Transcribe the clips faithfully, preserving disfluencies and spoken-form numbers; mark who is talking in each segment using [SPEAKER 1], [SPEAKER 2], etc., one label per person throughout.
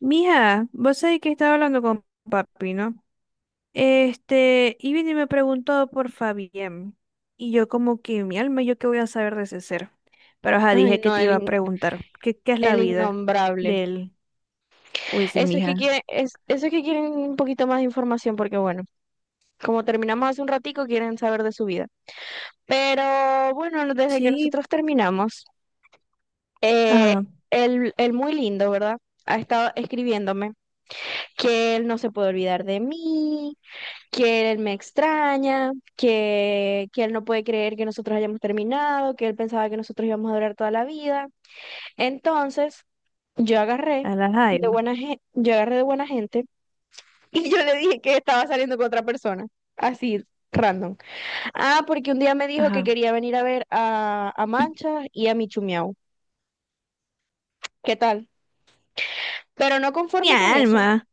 [SPEAKER 1] Mija, vos sabés que estaba hablando con papi, ¿no? Este, y vino y me preguntó por Fabián. Y yo como que mi alma, ¿yo qué voy a saber de ese ser? Pero ajá,
[SPEAKER 2] Ay,
[SPEAKER 1] dije que
[SPEAKER 2] no,
[SPEAKER 1] te
[SPEAKER 2] el,
[SPEAKER 1] iba a
[SPEAKER 2] in-
[SPEAKER 1] preguntar, ¿qué, qué es la
[SPEAKER 2] el
[SPEAKER 1] vida
[SPEAKER 2] innombrable.
[SPEAKER 1] de él? Uy, sí,
[SPEAKER 2] Eso es que
[SPEAKER 1] mija.
[SPEAKER 2] quieren, es, eso es que quieren un poquito más de información, porque bueno, como terminamos hace un ratico, quieren saber de su vida. Pero bueno, no- desde que
[SPEAKER 1] Sí,
[SPEAKER 2] nosotros terminamos, eh,
[SPEAKER 1] ajá,
[SPEAKER 2] el, el muy lindo, ¿verdad? Ha estado escribiéndome que él no se puede olvidar de mí, que él me extraña, que, que él no puede creer que nosotros hayamos terminado, que él pensaba que nosotros íbamos a durar toda la vida. Entonces, Yo agarré
[SPEAKER 1] a la
[SPEAKER 2] de
[SPEAKER 1] jaiba.
[SPEAKER 2] buena gente, yo agarré de buena gente y yo le dije que estaba saliendo con otra persona, así random. Ah, porque un día me dijo que
[SPEAKER 1] Ajá.
[SPEAKER 2] quería venir a ver a, a Mancha y a Michumiau. ¿Qué tal? Pero no
[SPEAKER 1] Mi
[SPEAKER 2] conforme con eso,
[SPEAKER 1] alma.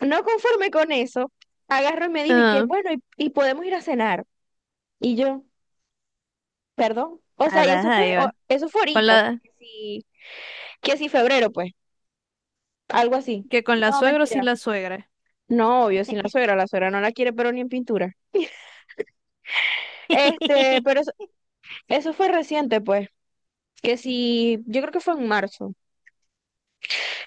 [SPEAKER 2] no conforme con eso, agarró y me dijo y que
[SPEAKER 1] Ajá,
[SPEAKER 2] bueno, y, y podemos ir a cenar. Y yo, perdón. O
[SPEAKER 1] a
[SPEAKER 2] sea, y
[SPEAKER 1] la
[SPEAKER 2] eso fue, o-
[SPEAKER 1] jaiba.
[SPEAKER 2] eso fue
[SPEAKER 1] Con
[SPEAKER 2] ahorita, o sea,
[SPEAKER 1] la,
[SPEAKER 2] que si, que si febrero, pues, algo así.
[SPEAKER 1] que con la
[SPEAKER 2] No,
[SPEAKER 1] suegra o sin
[SPEAKER 2] mentira.
[SPEAKER 1] la suegra.
[SPEAKER 2] No, obvio, sin la suegra, la suegra no la quiere, pero ni en pintura. Este, pero Eso fue reciente, pues, que sí, yo creo que fue en marzo.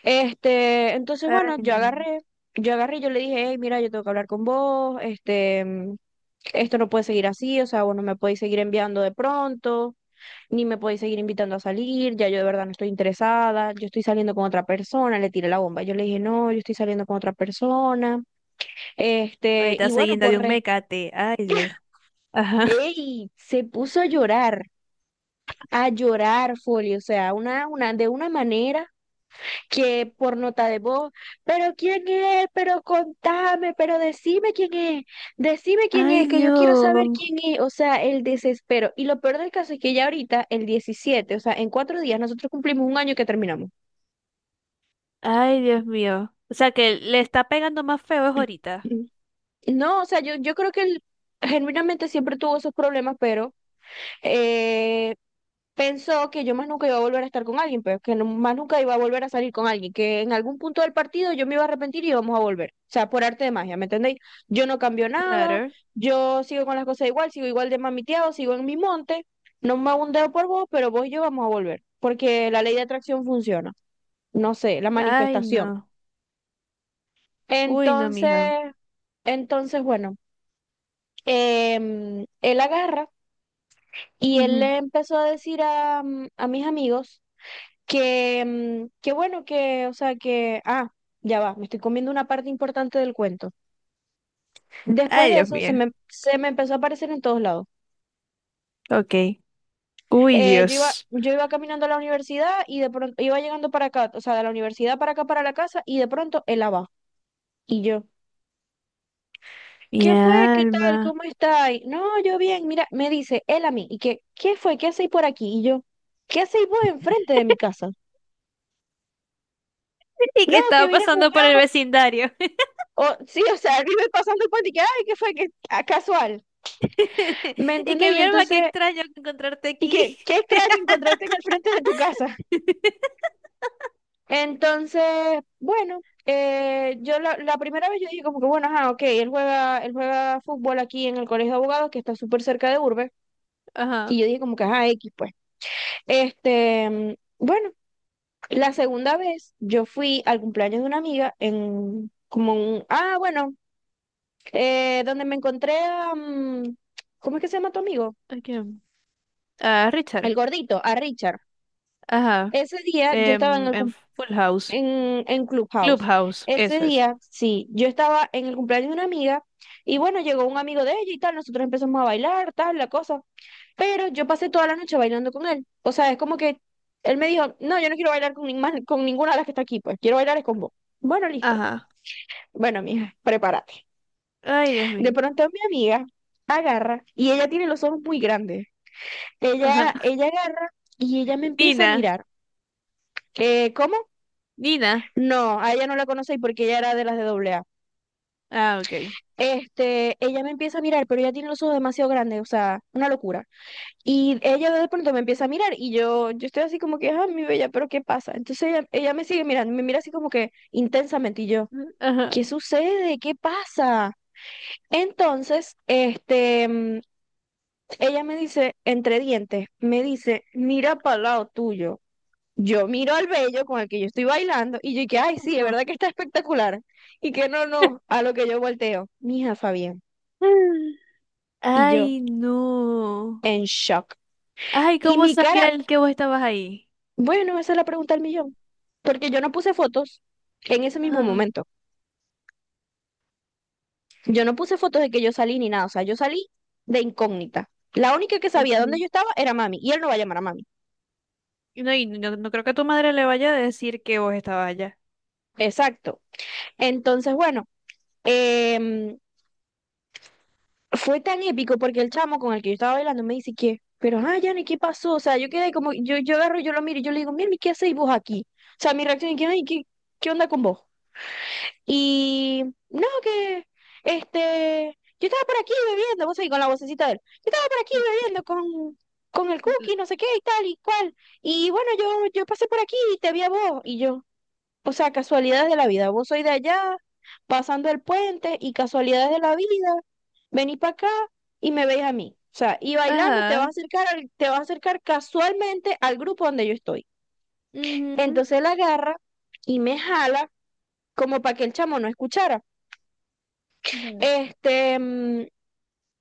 [SPEAKER 2] Este, entonces,
[SPEAKER 1] Ay,
[SPEAKER 2] bueno, yo
[SPEAKER 1] no.
[SPEAKER 2] agarré, yo agarré y yo le dije, hey, mira, yo tengo que hablar con vos, este, mm, esto no puede seguir así, o sea, vos no me podéis seguir enviando de pronto, ni me podéis seguir invitando a salir, ya yo de verdad no estoy interesada, yo estoy saliendo con otra persona, le tiré la bomba. Yo le dije, no, yo estoy saliendo con otra persona, este,
[SPEAKER 1] Ahorita
[SPEAKER 2] y
[SPEAKER 1] se
[SPEAKER 2] bueno,
[SPEAKER 1] guinda
[SPEAKER 2] por
[SPEAKER 1] de un
[SPEAKER 2] respeto,
[SPEAKER 1] mecate. Ay, Dios. Ajá.
[SPEAKER 2] ey, se puso a llorar, a llorar, Folio, o sea, una, una, de una manera. Que por nota de voz, pero quién es, pero contame, pero decime quién es, decime quién
[SPEAKER 1] Ay,
[SPEAKER 2] es, que yo quiero saber
[SPEAKER 1] Dios.
[SPEAKER 2] quién es, o sea, el desespero. Y lo peor del caso es que ya ahorita, el diecisiete, o sea, en cuatro días nosotros cumplimos un año que terminamos.
[SPEAKER 1] Ay, Dios mío. O sea que le está pegando más feo es ahorita.
[SPEAKER 2] No, o sea, yo, yo creo que él genuinamente siempre tuvo esos problemas, pero eh, pensó que yo más nunca iba a volver a estar con alguien, pero que no- más nunca iba a volver a salir con alguien, que en algún punto del partido yo me iba a arrepentir y íbamos a volver. O sea, por arte de magia, ¿me entendéis? Yo no cambio nada,
[SPEAKER 1] Claro.
[SPEAKER 2] yo sigo con las cosas igual, sigo igual de mamiteado, sigo en mi monte, no me hago un dedo por vos, pero vos y yo vamos a volver, porque la ley de atracción funciona, no sé, la
[SPEAKER 1] Ay,
[SPEAKER 2] manifestación.
[SPEAKER 1] no. Uy, no,
[SPEAKER 2] Entonces,
[SPEAKER 1] mija.
[SPEAKER 2] entonces, bueno, em, él agarra y él
[SPEAKER 1] Ujú.
[SPEAKER 2] le empezó a decir a, a mis amigos. Que, mm, que bueno, que, o sea, que, ah, ya va, me estoy comiendo una parte importante del cuento. Después
[SPEAKER 1] Ay,
[SPEAKER 2] de
[SPEAKER 1] Dios
[SPEAKER 2] eso, se
[SPEAKER 1] mío.
[SPEAKER 2] me, se me empezó a aparecer en todos lados.
[SPEAKER 1] Ok. Uy,
[SPEAKER 2] Eh, yo iba,
[SPEAKER 1] Dios.
[SPEAKER 2] yo iba caminando a la universidad y de pronto iba llegando para acá, o sea, de la universidad para acá, para la casa, y de pronto él abajo. Y yo,
[SPEAKER 1] Mi
[SPEAKER 2] ¿qué fue? ¿Qué tal?
[SPEAKER 1] alma.
[SPEAKER 2] ¿Cómo está? Y, no, yo bien, mira, me dice él a mí, y que, ¿qué fue? ¿Qué hacéis por aquí? Y yo, ¿qué hacéis vos enfrente de mi casa?
[SPEAKER 1] Y
[SPEAKER 2] No,
[SPEAKER 1] que
[SPEAKER 2] que
[SPEAKER 1] estaba
[SPEAKER 2] vine a
[SPEAKER 1] pasando por el
[SPEAKER 2] jugar.
[SPEAKER 1] vecindario.
[SPEAKER 2] O, sí, o sea, él iba pasando el puente y que, ay, ¿qué fue? Que, ah, casual. ¿Me
[SPEAKER 1] Y
[SPEAKER 2] entendés?
[SPEAKER 1] que
[SPEAKER 2] Y
[SPEAKER 1] mi alma, qué
[SPEAKER 2] entonces,
[SPEAKER 1] extraño encontrarte
[SPEAKER 2] y
[SPEAKER 1] aquí.
[SPEAKER 2] qué, qué extraño encontrarte en el frente de tu casa. Entonces, bueno, eh, yo la, la primera vez yo dije como que, bueno, ajá, ok, él juega, él juega fútbol aquí en el Colegio de Abogados, que está súper cerca de Urbe, y
[SPEAKER 1] Ajá.
[SPEAKER 2] yo dije como que, ajá, X, pues. Este, mm, bueno, la segunda vez yo fui al cumpleaños de una amiga en, como un, ah, bueno, eh, donde me encontré a, mm, ¿cómo es que se llama tu amigo?
[SPEAKER 1] ¿A quién? A
[SPEAKER 2] El
[SPEAKER 1] Richard.
[SPEAKER 2] gordito, a Richard.
[SPEAKER 1] Ajá.
[SPEAKER 2] Ese día yo estaba en
[SPEAKER 1] Em,
[SPEAKER 2] el
[SPEAKER 1] en
[SPEAKER 2] cumpleaños
[SPEAKER 1] Full House.
[SPEAKER 2] en, en Clubhouse.
[SPEAKER 1] Clubhouse.
[SPEAKER 2] Ese
[SPEAKER 1] Eso es.
[SPEAKER 2] día, sí, yo estaba en el cumpleaños de una amiga y bueno, llegó un amigo de ella y tal, nosotros empezamos a bailar, tal, la cosa, pero yo pasé toda la noche bailando con él. O sea, es como que él me dijo, no, yo no quiero bailar con, ni más- con ninguna de las que está aquí, pues quiero bailar es con vos. Bueno, listo.
[SPEAKER 1] Ajá.
[SPEAKER 2] Bueno, mija, prepárate.
[SPEAKER 1] Ay, Dios
[SPEAKER 2] De
[SPEAKER 1] mío.
[SPEAKER 2] pronto mi amiga agarra y ella tiene los ojos muy grandes.
[SPEAKER 1] Ajá.
[SPEAKER 2] Ella, ella agarra y ella me empieza a
[SPEAKER 1] Nina.
[SPEAKER 2] mirar. Eh, ¿cómo?
[SPEAKER 1] Nina.
[SPEAKER 2] No, a ella no la conocí porque ella era de las de doble A.
[SPEAKER 1] Ah, ok.
[SPEAKER 2] Este, ella me empieza a mirar, pero ella tiene los ojos demasiado grandes, o sea, una locura. Y ella de pronto me empieza a mirar y yo, yo estoy así como que, ah, mi bella, pero ¿qué pasa? Entonces ella, ella me sigue mirando, me mira así como que intensamente y yo,
[SPEAKER 1] Ajá.
[SPEAKER 2] ¿qué sucede? ¿Qué pasa? Entonces, este, mm, ella me dice, entre dientes, me dice, mira para el lado tuyo. Yo miro al bello con el que yo estoy bailando y yo y que, ay, sí, es
[SPEAKER 1] Ajá.
[SPEAKER 2] verdad que está espectacular. Y que no, no, a lo que yo volteo, mija Fabián. Y yo,
[SPEAKER 1] Ay, no.
[SPEAKER 2] en shock.
[SPEAKER 1] Ay,
[SPEAKER 2] Y
[SPEAKER 1] ¿cómo
[SPEAKER 2] mi cara,
[SPEAKER 1] sabía el que vos estabas ahí?
[SPEAKER 2] bueno, esa es la pregunta del millón, porque yo no puse fotos en ese mismo
[SPEAKER 1] Ah,
[SPEAKER 2] momento. Yo no puse fotos de que yo salí ni nada, o sea, yo salí de incógnita. La única que sabía dónde
[SPEAKER 1] ok.
[SPEAKER 2] yo estaba era mami, y él no va a llamar a mami.
[SPEAKER 1] Y no, y no, no creo que a tu madre le vaya a decir que vos estabas allá.
[SPEAKER 2] Exacto. Entonces, bueno, em, fue tan épico porque el chamo con el que yo estaba bailando me dice que, pero, ah, Yanni, ¿qué pasó? O sea, yo quedé como, yo, yo agarro, yo lo miro y yo le digo, mira, ¿qué hacéis vos aquí? O sea, mi reacción es que, ay, ¿qué, qué onda con vos? Y no, que este, yo estaba por aquí bebiendo, vos ahí con la vocecita de él, yo estaba por aquí bebiendo con, con el
[SPEAKER 1] L-
[SPEAKER 2] cookie, no sé qué y tal y cual. Y bueno, yo, yo pasé por aquí y te vi a vos y yo, o sea, casualidades de la vida, vos sois de allá, pasando el puente y casualidades de la vida, vení para acá y me veis a mí. O sea, y bailando te vas a
[SPEAKER 1] Ajá.
[SPEAKER 2] acercar, al- te vas a acercar casualmente al grupo donde yo estoy.
[SPEAKER 1] Ujú.
[SPEAKER 2] Entonces él agarra y me jala como para que el chamo no escuchara.
[SPEAKER 1] Ujú.
[SPEAKER 2] Este, mm,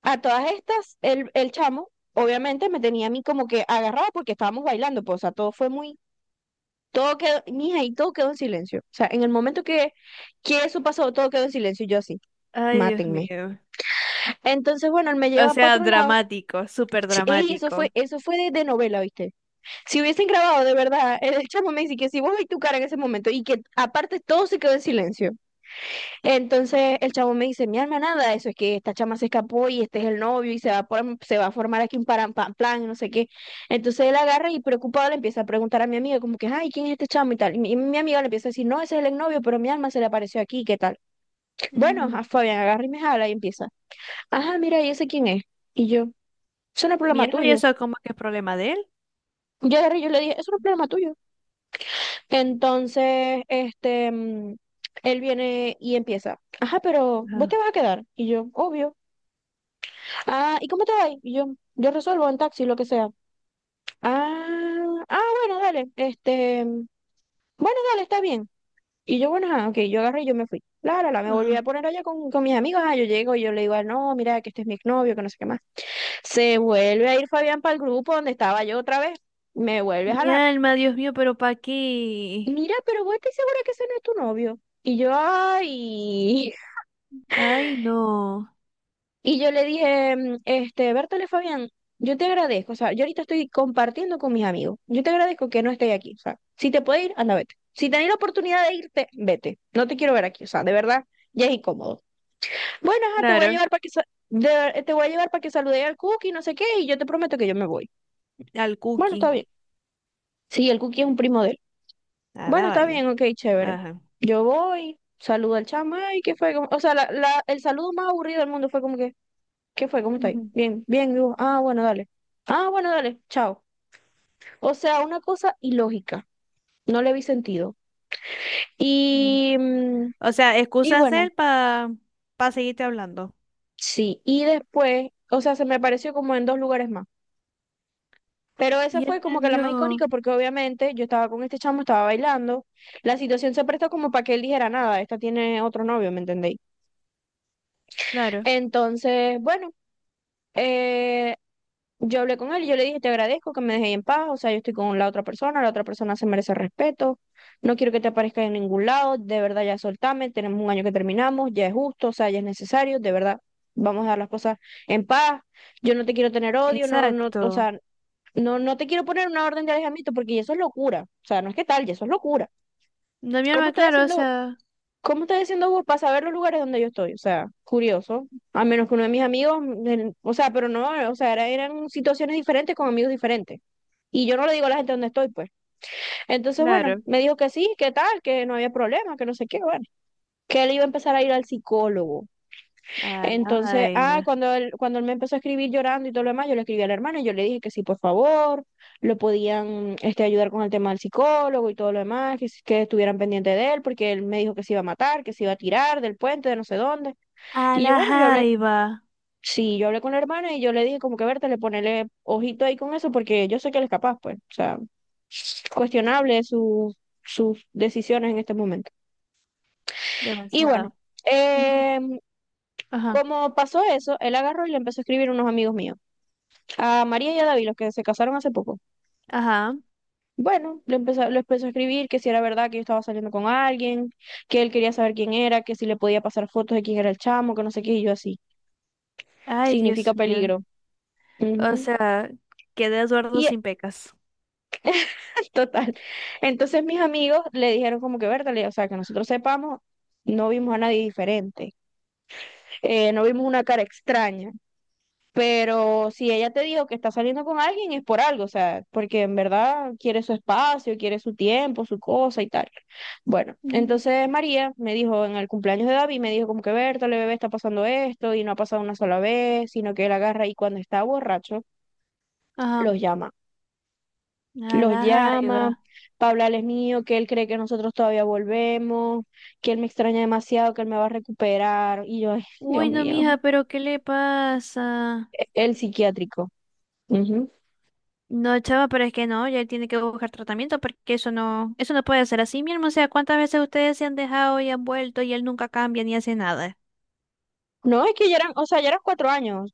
[SPEAKER 2] a todas estas, el, el chamo, obviamente, me tenía a mí como que agarrado porque estábamos bailando, pues, o sea, todo fue muy, todo quedó, mija, y todo quedó en silencio. O sea, en el momento que, que eso pasó, todo quedó en silencio, y yo así,
[SPEAKER 1] Ay, Dios
[SPEAKER 2] mátenme.
[SPEAKER 1] mío.
[SPEAKER 2] Entonces, bueno, él me
[SPEAKER 1] O
[SPEAKER 2] lleva para
[SPEAKER 1] sea,
[SPEAKER 2] otro lado.
[SPEAKER 1] dramático, súper
[SPEAKER 2] Sí, ey, eso fue,
[SPEAKER 1] dramático.
[SPEAKER 2] eso fue de, de, novela, ¿viste? Si hubiesen grabado de verdad, el chamo me dice que si vos veis tu cara en ese momento y que aparte todo se quedó en silencio. Entonces el chavo me dice, mi alma, nada, eso es que esta chama se escapó y este es el novio y se va a, por- se va a formar aquí un param- pam, plan y no sé qué. Entonces él agarra y preocupado le empieza a preguntar a mi amiga como que, ay, ¿quién es este chamo y tal? Y mi, y mi amiga le empieza a decir, no, ese es el exnovio, pero mi alma se le apareció aquí, ¿qué tal? Bueno, a
[SPEAKER 1] Ujú.
[SPEAKER 2] Fabián agarra y me jala y empieza, ajá, mira, ¿y ese quién es? Y yo, eso no es
[SPEAKER 1] Mi
[SPEAKER 2] problema
[SPEAKER 1] alma, ¿y
[SPEAKER 2] tuyo.
[SPEAKER 1] eso cómo que es problema de él?
[SPEAKER 2] Yo agarré y yo le dije, eso no es problema tuyo. Entonces, este, mm, él viene y empieza, ajá, pero vos te
[SPEAKER 1] Ajá.
[SPEAKER 2] vas a quedar. Y yo, obvio. Ah, ¿y cómo te va? Y Yo, yo resuelvo en taxi, lo que sea. Ah, ah, bueno, dale. Este, mm, bueno, dale, está bien. Y yo, bueno, ah, ok, yo agarré y yo me fui. La, la, la, me volví a
[SPEAKER 1] Ajá.
[SPEAKER 2] poner allá con, con mis amigos. Ah, yo llego y yo le digo, ah, no, mira, que este es mi exnovio, que no sé qué más. Se vuelve a ir Fabián para el grupo donde estaba yo otra vez. Me vuelve a
[SPEAKER 1] Mi
[SPEAKER 2] jalar.
[SPEAKER 1] alma, Dios mío, pero ¿para qué?
[SPEAKER 2] Mira, pero vos estás segura que ese no es tu novio. Y yo, ay.
[SPEAKER 1] Ay, no.
[SPEAKER 2] Y yo le dije, mm, este, Bertale Fabián, yo te agradezco, o sea, yo ahorita estoy compartiendo con mis amigos, yo te agradezco que no estés aquí, o sea, si te puedes ir, anda, vete. Si tenés la oportunidad de irte, vete, no te quiero ver aquí, o sea, de verdad, ya es incómodo. Bueno, ajá, te voy a
[SPEAKER 1] Claro,
[SPEAKER 2] llevar para que, sa- de- te voy a llevar para que salude al Cookie, no sé qué, y yo te prometo que yo me voy.
[SPEAKER 1] al
[SPEAKER 2] Bueno,
[SPEAKER 1] cookie,
[SPEAKER 2] está bien. Sí, el Cookie es un primo de él.
[SPEAKER 1] a la
[SPEAKER 2] Bueno, está bien,
[SPEAKER 1] vaina.
[SPEAKER 2] ok, chévere.
[SPEAKER 1] Ajá.
[SPEAKER 2] Yo voy, saludo al chama, y qué fue, Como- o sea, la, la- el saludo más aburrido del mundo fue como que... ¿Qué fue? ¿Cómo estáis?
[SPEAKER 1] Ujú,
[SPEAKER 2] Bien, bien, digo, ah, bueno, dale. Ah, bueno, dale, chao. O sea, una cosa ilógica, no le vi sentido.
[SPEAKER 1] claro.
[SPEAKER 2] Y, mm,
[SPEAKER 1] O sea,
[SPEAKER 2] y
[SPEAKER 1] excusa
[SPEAKER 2] bueno,
[SPEAKER 1] hacer para seguirte hablando.
[SPEAKER 2] sí, y después, o sea, se me apareció como en dos lugares más. Pero esa
[SPEAKER 1] Y él
[SPEAKER 2] fue
[SPEAKER 1] me
[SPEAKER 2] como que la más
[SPEAKER 1] dio,
[SPEAKER 2] icónica porque obviamente yo estaba con este chamo, estaba bailando. La situación se prestó como para que él dijera nada, esta tiene otro novio, ¿me entendéis?
[SPEAKER 1] claro,
[SPEAKER 2] Entonces, bueno, eh, yo hablé con él y yo le dije, te agradezco que me dejéis en paz, o sea, yo estoy con la otra persona, la otra persona se merece respeto, no quiero que te aparezca en ningún lado, de verdad ya soltame, tenemos un año que terminamos, ya es justo, o sea, ya es necesario, de verdad, vamos a dar las cosas en paz, yo no te quiero tener odio, no, no, o
[SPEAKER 1] exacto.
[SPEAKER 2] sea, no, no te quiero poner una orden de alejamiento porque eso es locura, o sea, no es que tal, ya eso es locura.
[SPEAKER 1] No, mi
[SPEAKER 2] ¿Cómo
[SPEAKER 1] alma,
[SPEAKER 2] estás
[SPEAKER 1] claro, o
[SPEAKER 2] haciendo
[SPEAKER 1] sea,
[SPEAKER 2] ¿Cómo estás diciendo vos para saber los lugares donde yo estoy? O sea, curioso. A menos que uno de mis amigos, el- o sea, pero no, o sea, era- eran situaciones diferentes con amigos diferentes. Y yo no le digo a la gente dónde estoy, pues. Entonces, bueno,
[SPEAKER 1] claro.
[SPEAKER 2] me dijo que sí, que tal, que no había problema, que no sé qué, bueno. Que él iba a empezar a ir al psicólogo.
[SPEAKER 1] A la
[SPEAKER 2] Entonces, ah,
[SPEAKER 1] vaina.
[SPEAKER 2] cuando él, cuando él me empezó a escribir llorando y todo lo demás, yo le escribí al hermano y yo le dije que sí, por favor, lo podían este, ayudar con el tema del psicólogo y todo lo demás, que, si- que estuvieran pendientes de él, porque él me dijo que se iba a matar, que se iba a tirar del puente, de no sé dónde.
[SPEAKER 1] A
[SPEAKER 2] Y yo,
[SPEAKER 1] la
[SPEAKER 2] bueno, yo hablé,
[SPEAKER 1] jaiba.
[SPEAKER 2] sí, yo hablé con la hermana y yo le dije como que verte, le ponele ojito ahí con eso, porque yo sé que él es capaz, pues, o sea, cuestionable su- sus decisiones en este momento. Y bueno,
[SPEAKER 1] Demasiada. Ujú,
[SPEAKER 2] eh,
[SPEAKER 1] ajá,
[SPEAKER 2] como pasó eso, él agarró y le empezó a escribir a unos amigos míos. A María y a David, los que se casaron hace poco.
[SPEAKER 1] ajá.
[SPEAKER 2] Bueno, le empezó, lo empezó a escribir que si era verdad que yo estaba saliendo con alguien, que él quería saber quién era, que si le podía pasar fotos de quién era el chamo, que no sé qué, y yo así.
[SPEAKER 1] Ay,
[SPEAKER 2] Significa
[SPEAKER 1] Dios mío.
[SPEAKER 2] peligro.
[SPEAKER 1] O
[SPEAKER 2] Ujú.
[SPEAKER 1] sea, quedé Eduardo
[SPEAKER 2] Y
[SPEAKER 1] sin pecas.
[SPEAKER 2] es total. Entonces mis amigos le dijeron como que, Bertale, o sea, que nosotros sepamos, no vimos a nadie diferente, eh, no vimos una cara extraña. Pero si ella te dijo que está saliendo con alguien es por algo, o sea, porque en verdad quiere su espacio, quiere su tiempo, su cosa y tal. Bueno,
[SPEAKER 1] Ujú.
[SPEAKER 2] entonces María me dijo en el cumpleaños de David, me dijo como que Bertale, bebé, está pasando esto y no ha pasado una sola vez, sino que él agarra y cuando está borracho
[SPEAKER 1] Ajá.
[SPEAKER 2] los llama.
[SPEAKER 1] A
[SPEAKER 2] Los
[SPEAKER 1] la jaiba.
[SPEAKER 2] llama para hablarles mío, que él cree que nosotros todavía volvemos, que él me extraña demasiado, que él me va a recuperar. Y yo, ay, Dios
[SPEAKER 1] Uy, no,
[SPEAKER 2] mío,
[SPEAKER 1] mija, pero ¿qué le pasa?
[SPEAKER 2] el psiquiátrico. Ujú.
[SPEAKER 1] No, chava, pero es que no, ya él tiene que buscar tratamiento porque eso no, eso no puede ser así, mi hermano. O sea, ¿cuántas veces ustedes se han dejado y han vuelto y él nunca cambia ni hace nada?
[SPEAKER 2] No, es que ya eran, o sea, ya eran cuatro años,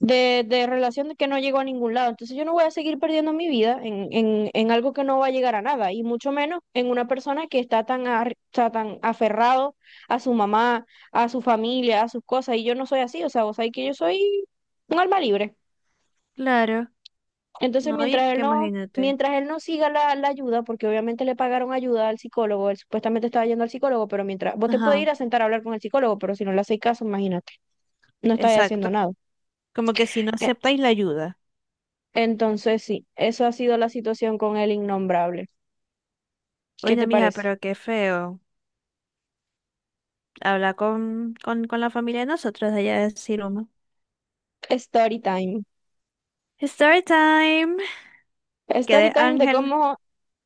[SPEAKER 2] de, de relación de que no llegó a ningún lado. Entonces yo no voy a seguir perdiendo mi vida en, en, en algo que no va a llegar a nada, y mucho menos en una persona que está tan, ar- está tan aferrado a su mamá, a su familia, a sus cosas, y yo no soy así, o sea, vos sabés que yo soy un alma libre.
[SPEAKER 1] Claro,
[SPEAKER 2] Entonces
[SPEAKER 1] no, y es
[SPEAKER 2] mientras él
[SPEAKER 1] que
[SPEAKER 2] no...
[SPEAKER 1] imagínate.
[SPEAKER 2] Mientras él no siga la, la ayuda, porque obviamente le pagaron ayuda al psicólogo, él supuestamente estaba yendo al psicólogo, pero mientras vos te puedes
[SPEAKER 1] Ajá,
[SPEAKER 2] ir a sentar a hablar con el psicólogo, pero si no le hacéis caso, imagínate, no estáis
[SPEAKER 1] exacto.
[SPEAKER 2] haciendo nada.
[SPEAKER 1] Como que si no aceptáis la ayuda.
[SPEAKER 2] Entonces, sí, eso ha sido la situación con el innombrable.
[SPEAKER 1] Oye,
[SPEAKER 2] ¿Qué te
[SPEAKER 1] no, mija,
[SPEAKER 2] parece?
[SPEAKER 1] pero qué feo. Habla con, con, con la familia de nosotros de allá de Siroma.
[SPEAKER 2] Story time.
[SPEAKER 1] Story time.
[SPEAKER 2] Story
[SPEAKER 1] Quedé
[SPEAKER 2] time de
[SPEAKER 1] Ángel.
[SPEAKER 2] cómo,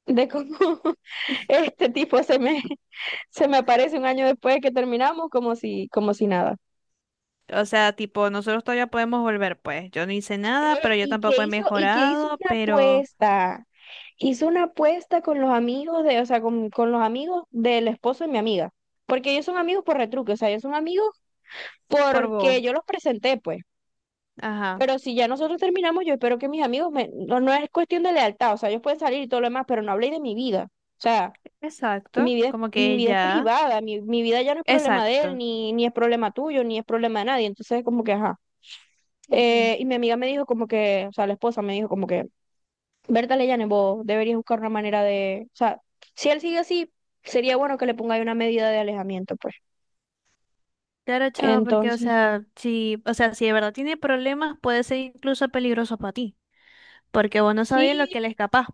[SPEAKER 2] de cómo este tipo se me, se me aparece un año después de que terminamos, como si, como si nada.
[SPEAKER 1] O sea, tipo, nosotros todavía podemos volver, pues. Yo no hice nada,
[SPEAKER 2] Eh,
[SPEAKER 1] pero yo
[SPEAKER 2] y que
[SPEAKER 1] tampoco he
[SPEAKER 2] hizo, y que hizo
[SPEAKER 1] mejorado,
[SPEAKER 2] una
[SPEAKER 1] pero
[SPEAKER 2] apuesta. Hizo una apuesta con los amigos de, o sea, con, con los amigos del esposo de mi amiga. Porque ellos son amigos por retruque, o sea, ellos son amigos
[SPEAKER 1] por vos.
[SPEAKER 2] porque yo los presenté, pues.
[SPEAKER 1] Ajá.
[SPEAKER 2] Pero si ya nosotros terminamos, yo espero que mis amigos me... No, no es cuestión de lealtad, o sea, ellos pueden salir y todo lo demás, pero no habléis de mi vida. O sea,
[SPEAKER 1] Exacto,
[SPEAKER 2] mi vida es,
[SPEAKER 1] como que
[SPEAKER 2] mi vida es
[SPEAKER 1] ella,
[SPEAKER 2] privada, mi, mi vida ya no es problema de él,
[SPEAKER 1] exacto.
[SPEAKER 2] ni, ni es problema tuyo, ni es problema de nadie. Entonces, como que, ajá.
[SPEAKER 1] Ujú.
[SPEAKER 2] Eh, y mi amiga me dijo como que, o sea, la esposa me dijo como que, Berta Leyane, vos deberías buscar una manera de... O sea, si él sigue así, sería bueno que le pongáis una medida de alejamiento, pues.
[SPEAKER 1] Claro, chavo, porque, o
[SPEAKER 2] Entonces,
[SPEAKER 1] sea, si, o sea, si de verdad tiene problemas, puede ser incluso peligroso para ti, porque vos no sabías lo
[SPEAKER 2] sí,
[SPEAKER 1] que él es capaz,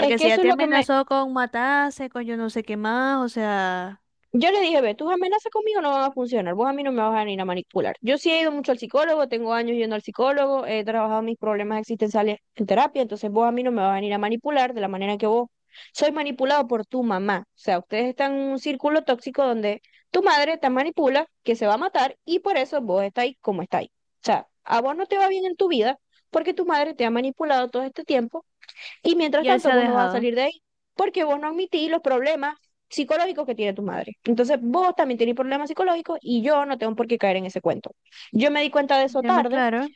[SPEAKER 2] es que
[SPEAKER 1] si ya
[SPEAKER 2] eso es
[SPEAKER 1] te
[SPEAKER 2] lo que me...
[SPEAKER 1] amenazó con matarse, con yo no sé qué más, o sea,
[SPEAKER 2] Yo le dije, ve, tus amenazas conmigo no van a funcionar, vos a mí no me vas a venir a manipular. Yo sí he ido mucho al psicólogo, tengo años yendo al psicólogo, he trabajado mis problemas existenciales en terapia, entonces vos a mí no me vas a venir a manipular de la manera que vos sois manipulado por tu mamá. O sea, ustedes están en un círculo tóxico donde tu madre te manipula, que se va a matar y por eso vos estáis como estáis. O sea, a vos no te va bien en tu vida porque tu madre te ha manipulado todo este tiempo y mientras
[SPEAKER 1] y él se
[SPEAKER 2] tanto,
[SPEAKER 1] ha
[SPEAKER 2] vos no vas a
[SPEAKER 1] dejado.
[SPEAKER 2] salir de ahí porque vos no admitís los problemas psicológicos que tiene tu madre. Entonces, vos también tenés problemas psicológicos y yo no tengo por qué caer en ese cuento. Yo me di cuenta de eso
[SPEAKER 1] ¿Ya me
[SPEAKER 2] tarde
[SPEAKER 1] claro?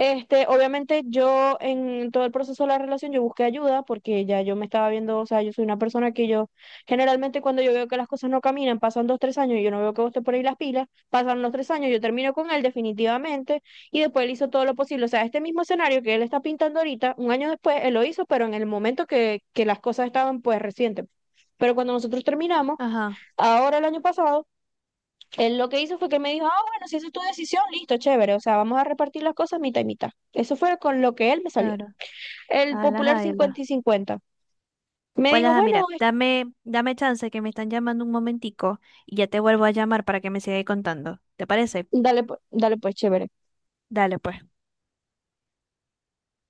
[SPEAKER 2] este, obviamente yo en todo el proceso de la relación yo busqué ayuda porque ya yo me estaba viendo, o sea, yo soy una persona que yo generalmente cuando yo veo que las cosas no caminan, pasan dos, tres años y yo no veo que vos te ponéis las pilas, pasan los tres años, yo termino con él definitivamente y después él hizo todo lo posible. O sea, este mismo escenario que él está pintando ahorita, un año después él lo hizo, pero en el momento que, que las cosas estaban pues recientes. Pero cuando nosotros terminamos,
[SPEAKER 1] Ajá,
[SPEAKER 2] ahora el año pasado... Él lo que hizo fue que me dijo, ah, bueno, si esa es tu decisión, listo, chévere, o sea, vamos a repartir las cosas mitad y mitad. Eso fue con lo que él me salió.
[SPEAKER 1] claro.
[SPEAKER 2] El
[SPEAKER 1] A la
[SPEAKER 2] popular cincuenta y
[SPEAKER 1] jaiba.
[SPEAKER 2] cincuenta. Me
[SPEAKER 1] Pues
[SPEAKER 2] dijo,
[SPEAKER 1] ajá,
[SPEAKER 2] bueno,
[SPEAKER 1] mira,
[SPEAKER 2] es-
[SPEAKER 1] dame, dame chance que me están llamando un momentico y ya te vuelvo a llamar para que me sigáis contando. ¿Te parece?
[SPEAKER 2] dale, pu- dale pues, chévere.
[SPEAKER 1] Dale, pues.